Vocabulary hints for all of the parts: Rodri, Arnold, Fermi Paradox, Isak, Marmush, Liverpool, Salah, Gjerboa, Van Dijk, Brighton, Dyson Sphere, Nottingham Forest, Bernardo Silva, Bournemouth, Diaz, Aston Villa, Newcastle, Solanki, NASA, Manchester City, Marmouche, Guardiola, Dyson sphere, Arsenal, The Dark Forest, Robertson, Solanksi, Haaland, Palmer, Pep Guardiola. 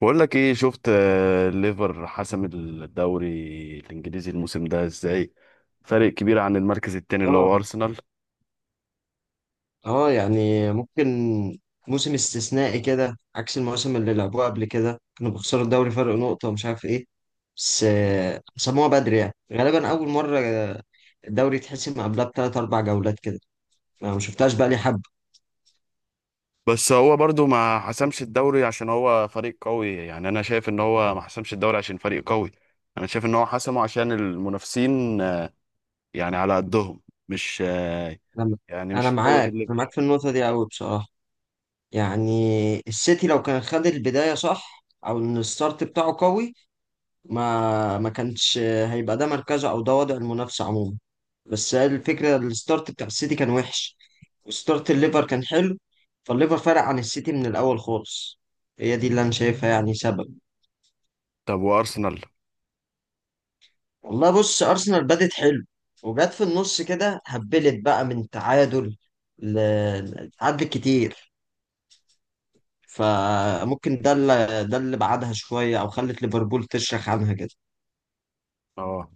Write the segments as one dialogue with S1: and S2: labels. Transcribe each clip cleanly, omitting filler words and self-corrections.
S1: بقول لك ايه شفت ليفر حسم الدوري الانجليزي الموسم ده ازاي. فرق كبير عن المركز التاني اللي
S2: اه.
S1: هو ارسنال.
S2: اه، يعني ممكن. موسم استثنائي كده عكس المواسم اللي لعبوها قبل كده، كانوا بيخسروا الدوري فرق نقطة ومش عارف ايه. بس سموها بدري، يعني غالبا أول مرة الدوري يتحسم قبلها بتلات أربع جولات كده. أنا ما شفتهاش بقالي حبة.
S1: بس هو برضو ما حسمش الدوري عشان هو فريق قوي، يعني انا شايف ان هو ما حسمش الدوري عشان فريق قوي. انا شايف ان هو حسمه عشان المنافسين يعني على قدهم، مش
S2: أنا
S1: يعني مش
S2: أنا
S1: في قوة
S2: معاك، أنا معاك
S1: الليفر.
S2: في النقطة دي أوي بصراحة. يعني السيتي لو كان خد البداية صح، أو إن الستارت بتاعه قوي، ما كانش هيبقى ده مركزه أو ده وضع المنافسة عموما. بس هي الفكرة، الستارت بتاع السيتي كان وحش وستارت الليفر كان حلو، فالليفر فرق عن السيتي من الأول خالص. هي دي اللي أنا شايفها يعني سبب.
S1: طب وارسنال؟
S2: والله بص، أرسنال بدت حلو، وجت في النص كده هبلت بقى من تعادل تعادل كتير. فممكن ده اللي بعدها شوية أو خلت ليفربول تشرخ عنها كده.
S1: اه،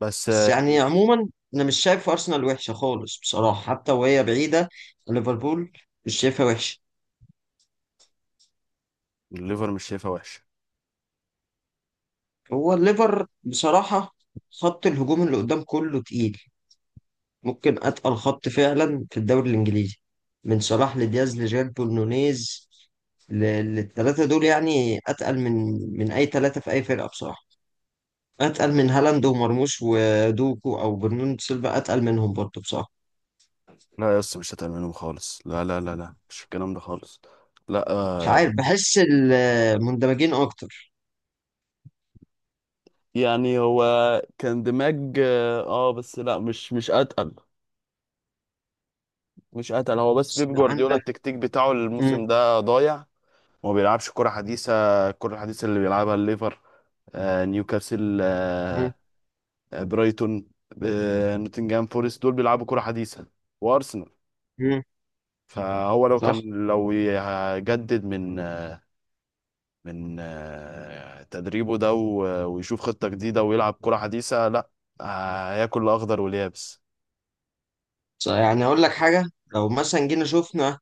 S1: بس
S2: بس يعني
S1: يعني
S2: عموما، أنا مش شايف أرسنال وحشة خالص بصراحة، حتى وهي بعيدة عن ليفربول، مش شايفها وحشة.
S1: الليفر مش شايفها وحشة.
S2: هو الليفر بصراحة خط الهجوم اللي قدام كله تقيل، ممكن أتقل خط فعلا في الدوري الإنجليزي. من صلاح لدياز لجيربو لنونيز، للثلاثة دول، يعني أتقل من من أي ثلاثة في أي فرقة بصراحة. أتقل من هالاند ومرموش ودوكو أو برناردو سيلفا، أتقل منهم برضه بصراحة.
S1: لا يا اسطى، مش هتعمل منهم خالص، لا لا لا لا، مش الكلام ده خالص. لا،
S2: مش عارف، بحس المندمجين أكتر.
S1: يعني هو كان دماج، بس لا، مش اتقل. مش اتقل، هو بس
S2: بس
S1: بيب جوارديولا
S2: عندك.
S1: التكتيك بتاعه
S2: مم.
S1: الموسم ده ضايع. ما بيلعبش كرة حديثة. الكرة الحديثة اللي بيلعبها الليفر، نيوكاسل،
S2: مم.
S1: برايتون، نوتنجهام فورست، دول بيلعبوا كرة حديثة، وارسنال.
S2: مم.
S1: فهو لو
S2: صح.
S1: كان، لو يجدد من تدريبه ده، ويشوف خطة جديدة ويلعب كرة حديثة، لا، هياكل الأخضر واليابس.
S2: صح، يعني أقول لك حاجة. لو مثلا جينا شفنا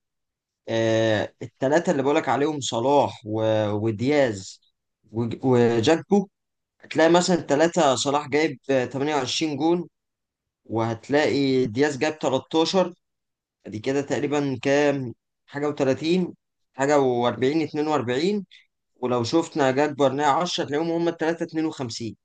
S2: الثلاثه اللي بقولك عليهم، صلاح ودياز وجاكبو، هتلاقي مثلا الثلاثه صلاح جايب 28 جون، وهتلاقي دياز جايب 13. ادي كده تقريبا كام، حاجه و30، حاجه و40، 42. ولو شفنا جاكبو ارناء 10، هتلاقيهم هم الثلاثه 52.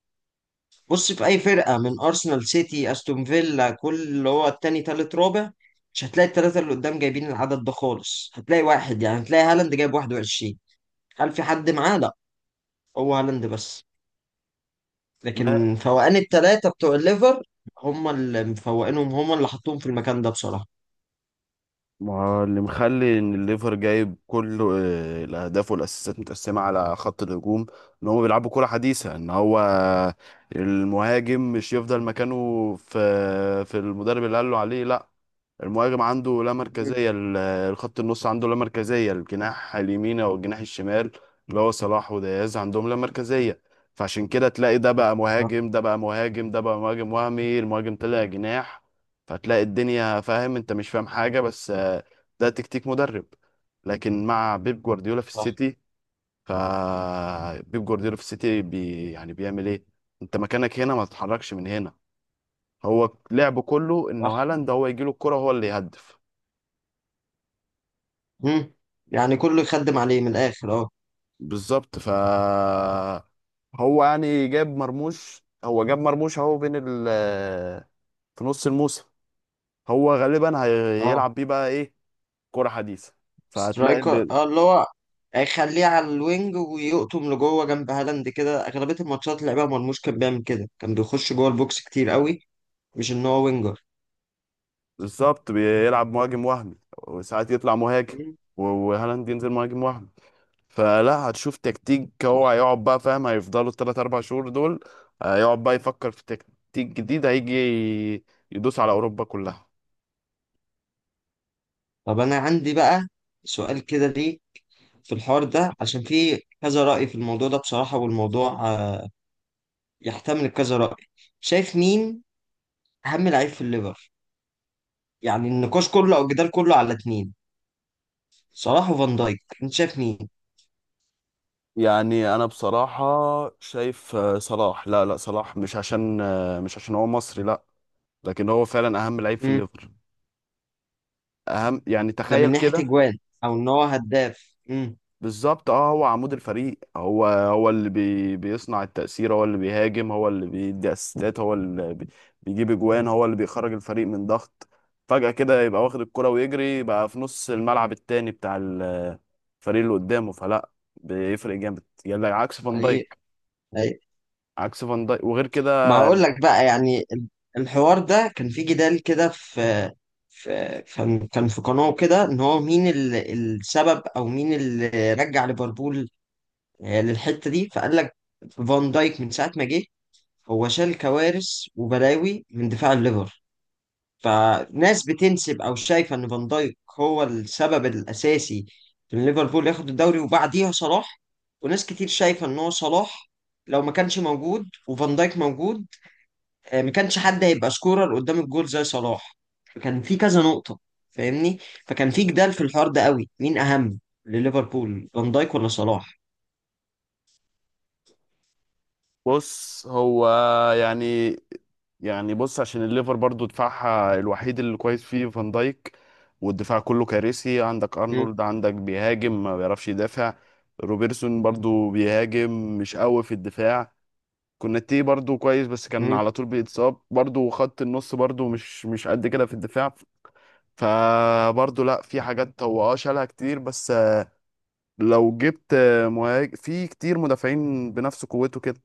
S2: بص، في اي فرقه من ارسنال، سيتي، استون فيلا، كل اللي هو التاني تالت رابع، مش هتلاقي الثلاثه اللي قدام جايبين العدد ده خالص. هتلاقي واحد، يعني هتلاقي هالاند جايب 21، هل في حد معاه؟ لا، هو هالاند بس. لكن فوقان التلاتة بتوع الليفر، هم اللي مفوقينهم، هم اللي حطوهم في المكان ده بصراحة.
S1: ما هو اللي مخلي ان الليفر جايب كل الاهداف والاسيستات متقسمه على خط الهجوم ان هم بيلعبوا كره حديثه. ان هو المهاجم مش يفضل مكانه في المدرب اللي قال له عليه. لا، المهاجم عنده لا
S2: مم.
S1: مركزية، الخط النص عنده لا مركزية الجناح اليمين أو الجناح الشمال، اللي هو صلاح ودياز عندهم لا مركزية. فعشان كده تلاقي ده بقى
S2: صح.
S1: مهاجم، ده بقى مهاجم، ده بقى مهاجم وهمي، المهاجم طلع جناح. فتلاقي الدنيا، فاهم؟ انت مش فاهم حاجة، بس ده تكتيك مدرب. لكن مع بيب جوارديولا في
S2: صح.
S1: السيتي، فبيب جوارديولا في السيتي يعني بيعمل ايه، انت مكانك هنا ما تتحركش من هنا. هو لعبه كله
S2: صح.
S1: انه هالاند هو يجيله الكرة، هو اللي يهدف.
S2: مم. يعني كله يخدم عليه من الآخر، اه.
S1: بالظبط. هو يعني جاب مرموش، اهو بين ال في نص الموسم، هو غالبا
S2: اه
S1: هيلعب بيه بقى ايه، كرة حديثة. فهتلاقي
S2: سترايكر، اه اللي هو هيخليه على الوينج ويقطم لجوه جنب هالاند كده. أغلبية الماتشات اللي لعبها مرموش كان بيعمل كده، كان بيخش جوه البوكس كتير قوي، مش إن هو وينجر.
S1: بالظبط بيلعب مهاجم وهمي وساعات يطلع مهاجم،
S2: مم.
S1: وهالاند ينزل مهاجم وهمي. فلا هتشوف تكتيك، هو
S2: صح.
S1: هيقعد بقى، فاهم؟ هيفضلوا الثلاث اربع شهور دول هيقعد بقى يفكر في تكتيك جديد هيجي يدوس على اوروبا كلها.
S2: طب أنا عندي بقى سؤال كده، ليه في الحوار ده؟ عشان في كذا رأي في الموضوع ده بصراحة، والموضوع يحتمل كذا رأي. شايف مين أهم لعيب في الليفر؟ يعني النقاش كله أو الجدال كله على اتنين، صلاح وفان دايك. أنت شايف مين؟
S1: يعني انا بصراحه شايف صلاح، لا لا، صلاح مش عشان هو مصري، لا. لكن هو فعلا اهم لعيب في
S2: مم.
S1: الليفر. اهم، يعني
S2: ده
S1: تخيل
S2: من ناحية
S1: كده.
S2: أجوان أو إن هو هداف. مم.
S1: بالظبط. اه هو عمود الفريق، هو اللي بيصنع التأثير، هو اللي بيهاجم، هو اللي بيدي اسيستات، هو اللي بي بيجيب اجوان، هو اللي بيخرج الفريق من ضغط. فجأة كده يبقى واخد الكرة ويجري بقى في نص الملعب التاني بتاع الفريق اللي قدامه، فلا، بيفرق جامد، يعني عكس فان
S2: أي.
S1: دايك.
S2: أي.
S1: عكس فان دايك وغير
S2: ما
S1: كده.
S2: هقول لك بقى، يعني الحوار ده كان في جدال كده، في كان كان في قناة كده، إن هو مين السبب أو مين اللي رجع ليفربول للحته دي. فقال لك فان دايك من ساعه ما جه، هو شال كوارث وبلاوي من دفاع الليفر. فناس بتنسب او شايفه ان فان دايك هو السبب الاساسي في ان ليفربول ياخد الدوري، وبعديها صلاح. وناس كتير شايفه ان هو صلاح لو ما كانش موجود وفان دايك موجود، ما كانش حد هيبقى سكورر قدام الجول زي صلاح. فكان في كذا نقطه، فاهمني، فكان في جدال في الحوار ده قوي، مين اهم لليفربول، فان دايك ولا صلاح؟
S1: بص هو يعني، بص عشان الليفر برضو دفاعها الوحيد اللي كويس فيه فان دايك، والدفاع كله كارثي. عندك
S2: مم.
S1: ارنولد عندك بيهاجم، ما بيعرفش يدافع. روبرتسون برضو بيهاجم، مش قوي في الدفاع. كوناتي برضو كويس بس كان
S2: مم.
S1: على طول بيتصاب، برضو خط النص برضو مش قد كده في الدفاع. فبرضه لا، في حاجات هو شالها كتير، بس لو جبت مهاجم في كتير مدافعين بنفس قوته كده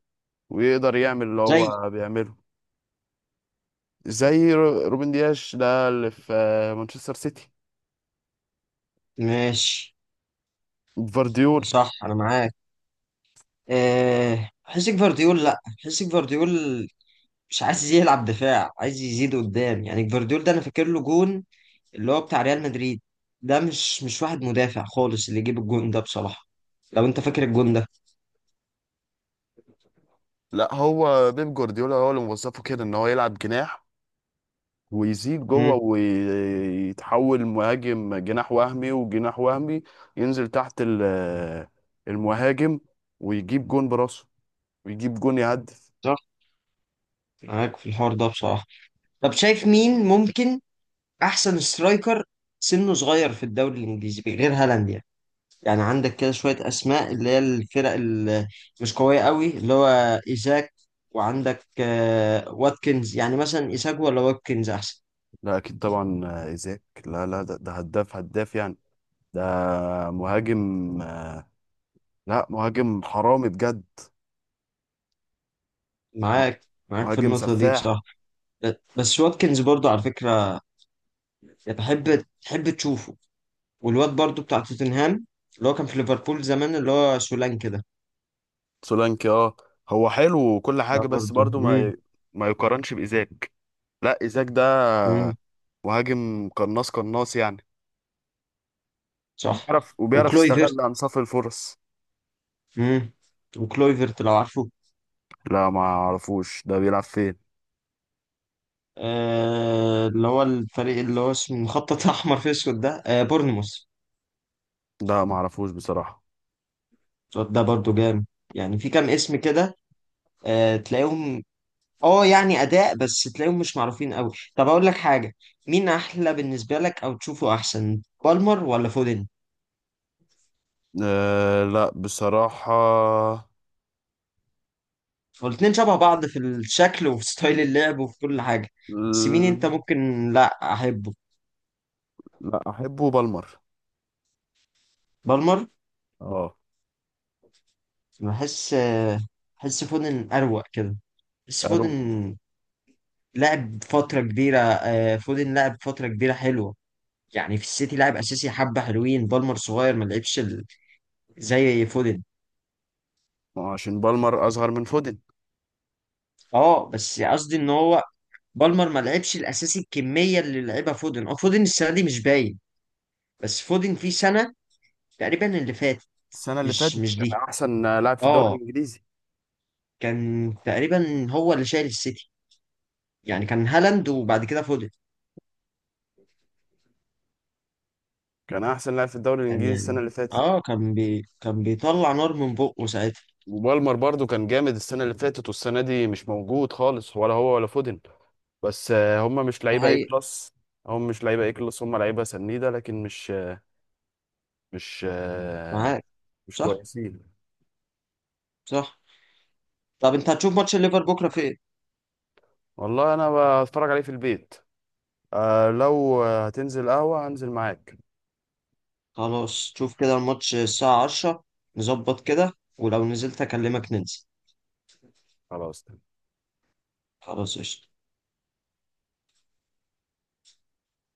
S1: ويقدر يعمل اللي
S2: زي.
S1: هو بيعمله، زي روبن دياش ده اللي في مانشستر سيتي،
S2: ماشي.
S1: فارديول.
S2: صح، انا معاك. أه، بحس جفارديول، لا بحس جفارديول مش عايز يلعب دفاع، عايز يزيد قدام. يعني جفارديول ده انا فاكر له جون، اللي هو بتاع ريال مدريد، ده مش واحد مدافع خالص اللي يجيب الجون ده بصراحة، لو انت فاكر الجون ده.
S1: لا، هو بيب جوارديولا هو اللي موظفه كده ان هو يلعب جناح ويزيد جوه
S2: امم.
S1: ويتحول مهاجم جناح وهمي وجناح وهمي، ينزل تحت المهاجم، ويجيب جون براسه ويجيب جون يهدف.
S2: صح، معاك في الحوار ده بصراحة. طب شايف مين ممكن احسن سترايكر سنه صغير في الدوري الانجليزي غير هالاند يعني؟ يعني عندك كده شوية أسماء، اللي هي الفرق اللي مش قوية قوي، اللي هو إيزاك، وعندك واتكنز. يعني مثلا إيزاك ولا واتكنز أحسن؟
S1: لا اكيد طبعا، ايزاك، لا لا، ده هداف هداف يعني. ده مهاجم، آه، لا، مهاجم حرامي بجد. مه-
S2: معاك، معاك في
S1: مهاجم
S2: النقطة دي
S1: سفاح.
S2: بصراحة. بس واتكنز برضو على فكرة بحب تحب تشوفه، والواد برضو بتاع توتنهام اللي هو كان في ليفربول زمان، اللي هو سولانكي ده.
S1: سولانكي، هو حلو وكل
S2: ده
S1: حاجة، بس
S2: برضو.
S1: برضو
S2: مم.
S1: ما يقارنش بإيزاك. لا، إيزاك ده
S2: مم.
S1: مهاجم قناص قناص يعني،
S2: صح.
S1: بيعرف وبيعرف
S2: وكلويفرت.
S1: يستغل أنصاف الفرص.
S2: مم. وكلويفرت، لو عارفه،
S1: لا ما اعرفوش، ده بيلعب فين.
S2: اللي هو الفريق اللي هو اسمه مخطط احمر في اسود ده، بورنموث.
S1: ده ما اعرفوش بصراحة.
S2: الواد ده برضو جامد. يعني في كام اسم كده، تلاقيهم. اه يعني اداء، بس تلاقيهم مش معروفين قوي. طب اقول لك حاجه، مين احلى بالنسبه لك او تشوفه احسن، بالمر ولا فودن؟
S1: لا بصراحة،
S2: والاتنين شبه بعض في الشكل وفي ستايل اللعب وفي كل حاجه، بس مين
S1: ال-
S2: انت ممكن لا احبه؟
S1: لا أحبه بالمر.
S2: بالمر.
S1: اه.
S2: بحس آه، بحس فودن اروق كده. بحس
S1: أرو-
S2: فودن لعب فترة كبيرة حلوة. يعني في السيتي لعب أساسي حبة حلوين. بالمر صغير، ما لعبش زي فودن.
S1: عشان بالمر أصغر من فودن.
S2: اه، بس قصدي إن هو بالمر ما لعبش الأساسي الكمية اللي لعبها فودن. اه فودن السنة دي مش باين، بس فودن في سنة تقريبا اللي فاتت.
S1: السنة اللي
S2: مش
S1: فاتت
S2: مش
S1: كان
S2: دي.
S1: أحسن لاعب في الدوري
S2: اه،
S1: الإنجليزي.
S2: كان تقريبا هو اللي شايل السيتي، يعني كان هالاند وبعد كده فودن.
S1: كان أحسن لاعب في الدوري
S2: كان
S1: الإنجليزي السنة
S2: يعني
S1: اللي فاتت.
S2: اه، كان بيطلع نار من بقه ساعتها.
S1: وبالمر برضو كان جامد السنة اللي فاتت، والسنة دي مش موجود خالص، ولا هو ولا فودن. بس هم مش
S2: ده
S1: لعيبة ايه
S2: حقيقي.
S1: كلاس. هم لعيبة سنيدة، لكن مش آه،
S2: معاك.
S1: مش
S2: صح.
S1: كويسين.
S2: صح. طب انت هتشوف ماتش الليفر بكره في ايه؟
S1: والله انا بتفرج عليه في البيت. لو هتنزل قهوة هنزل معاك.
S2: خلاص، شوف كده الماتش الساعه 10، نظبط كده، ولو نزلت اكلمك ننزل.
S1: خلاص.
S2: خلاص، قشطة.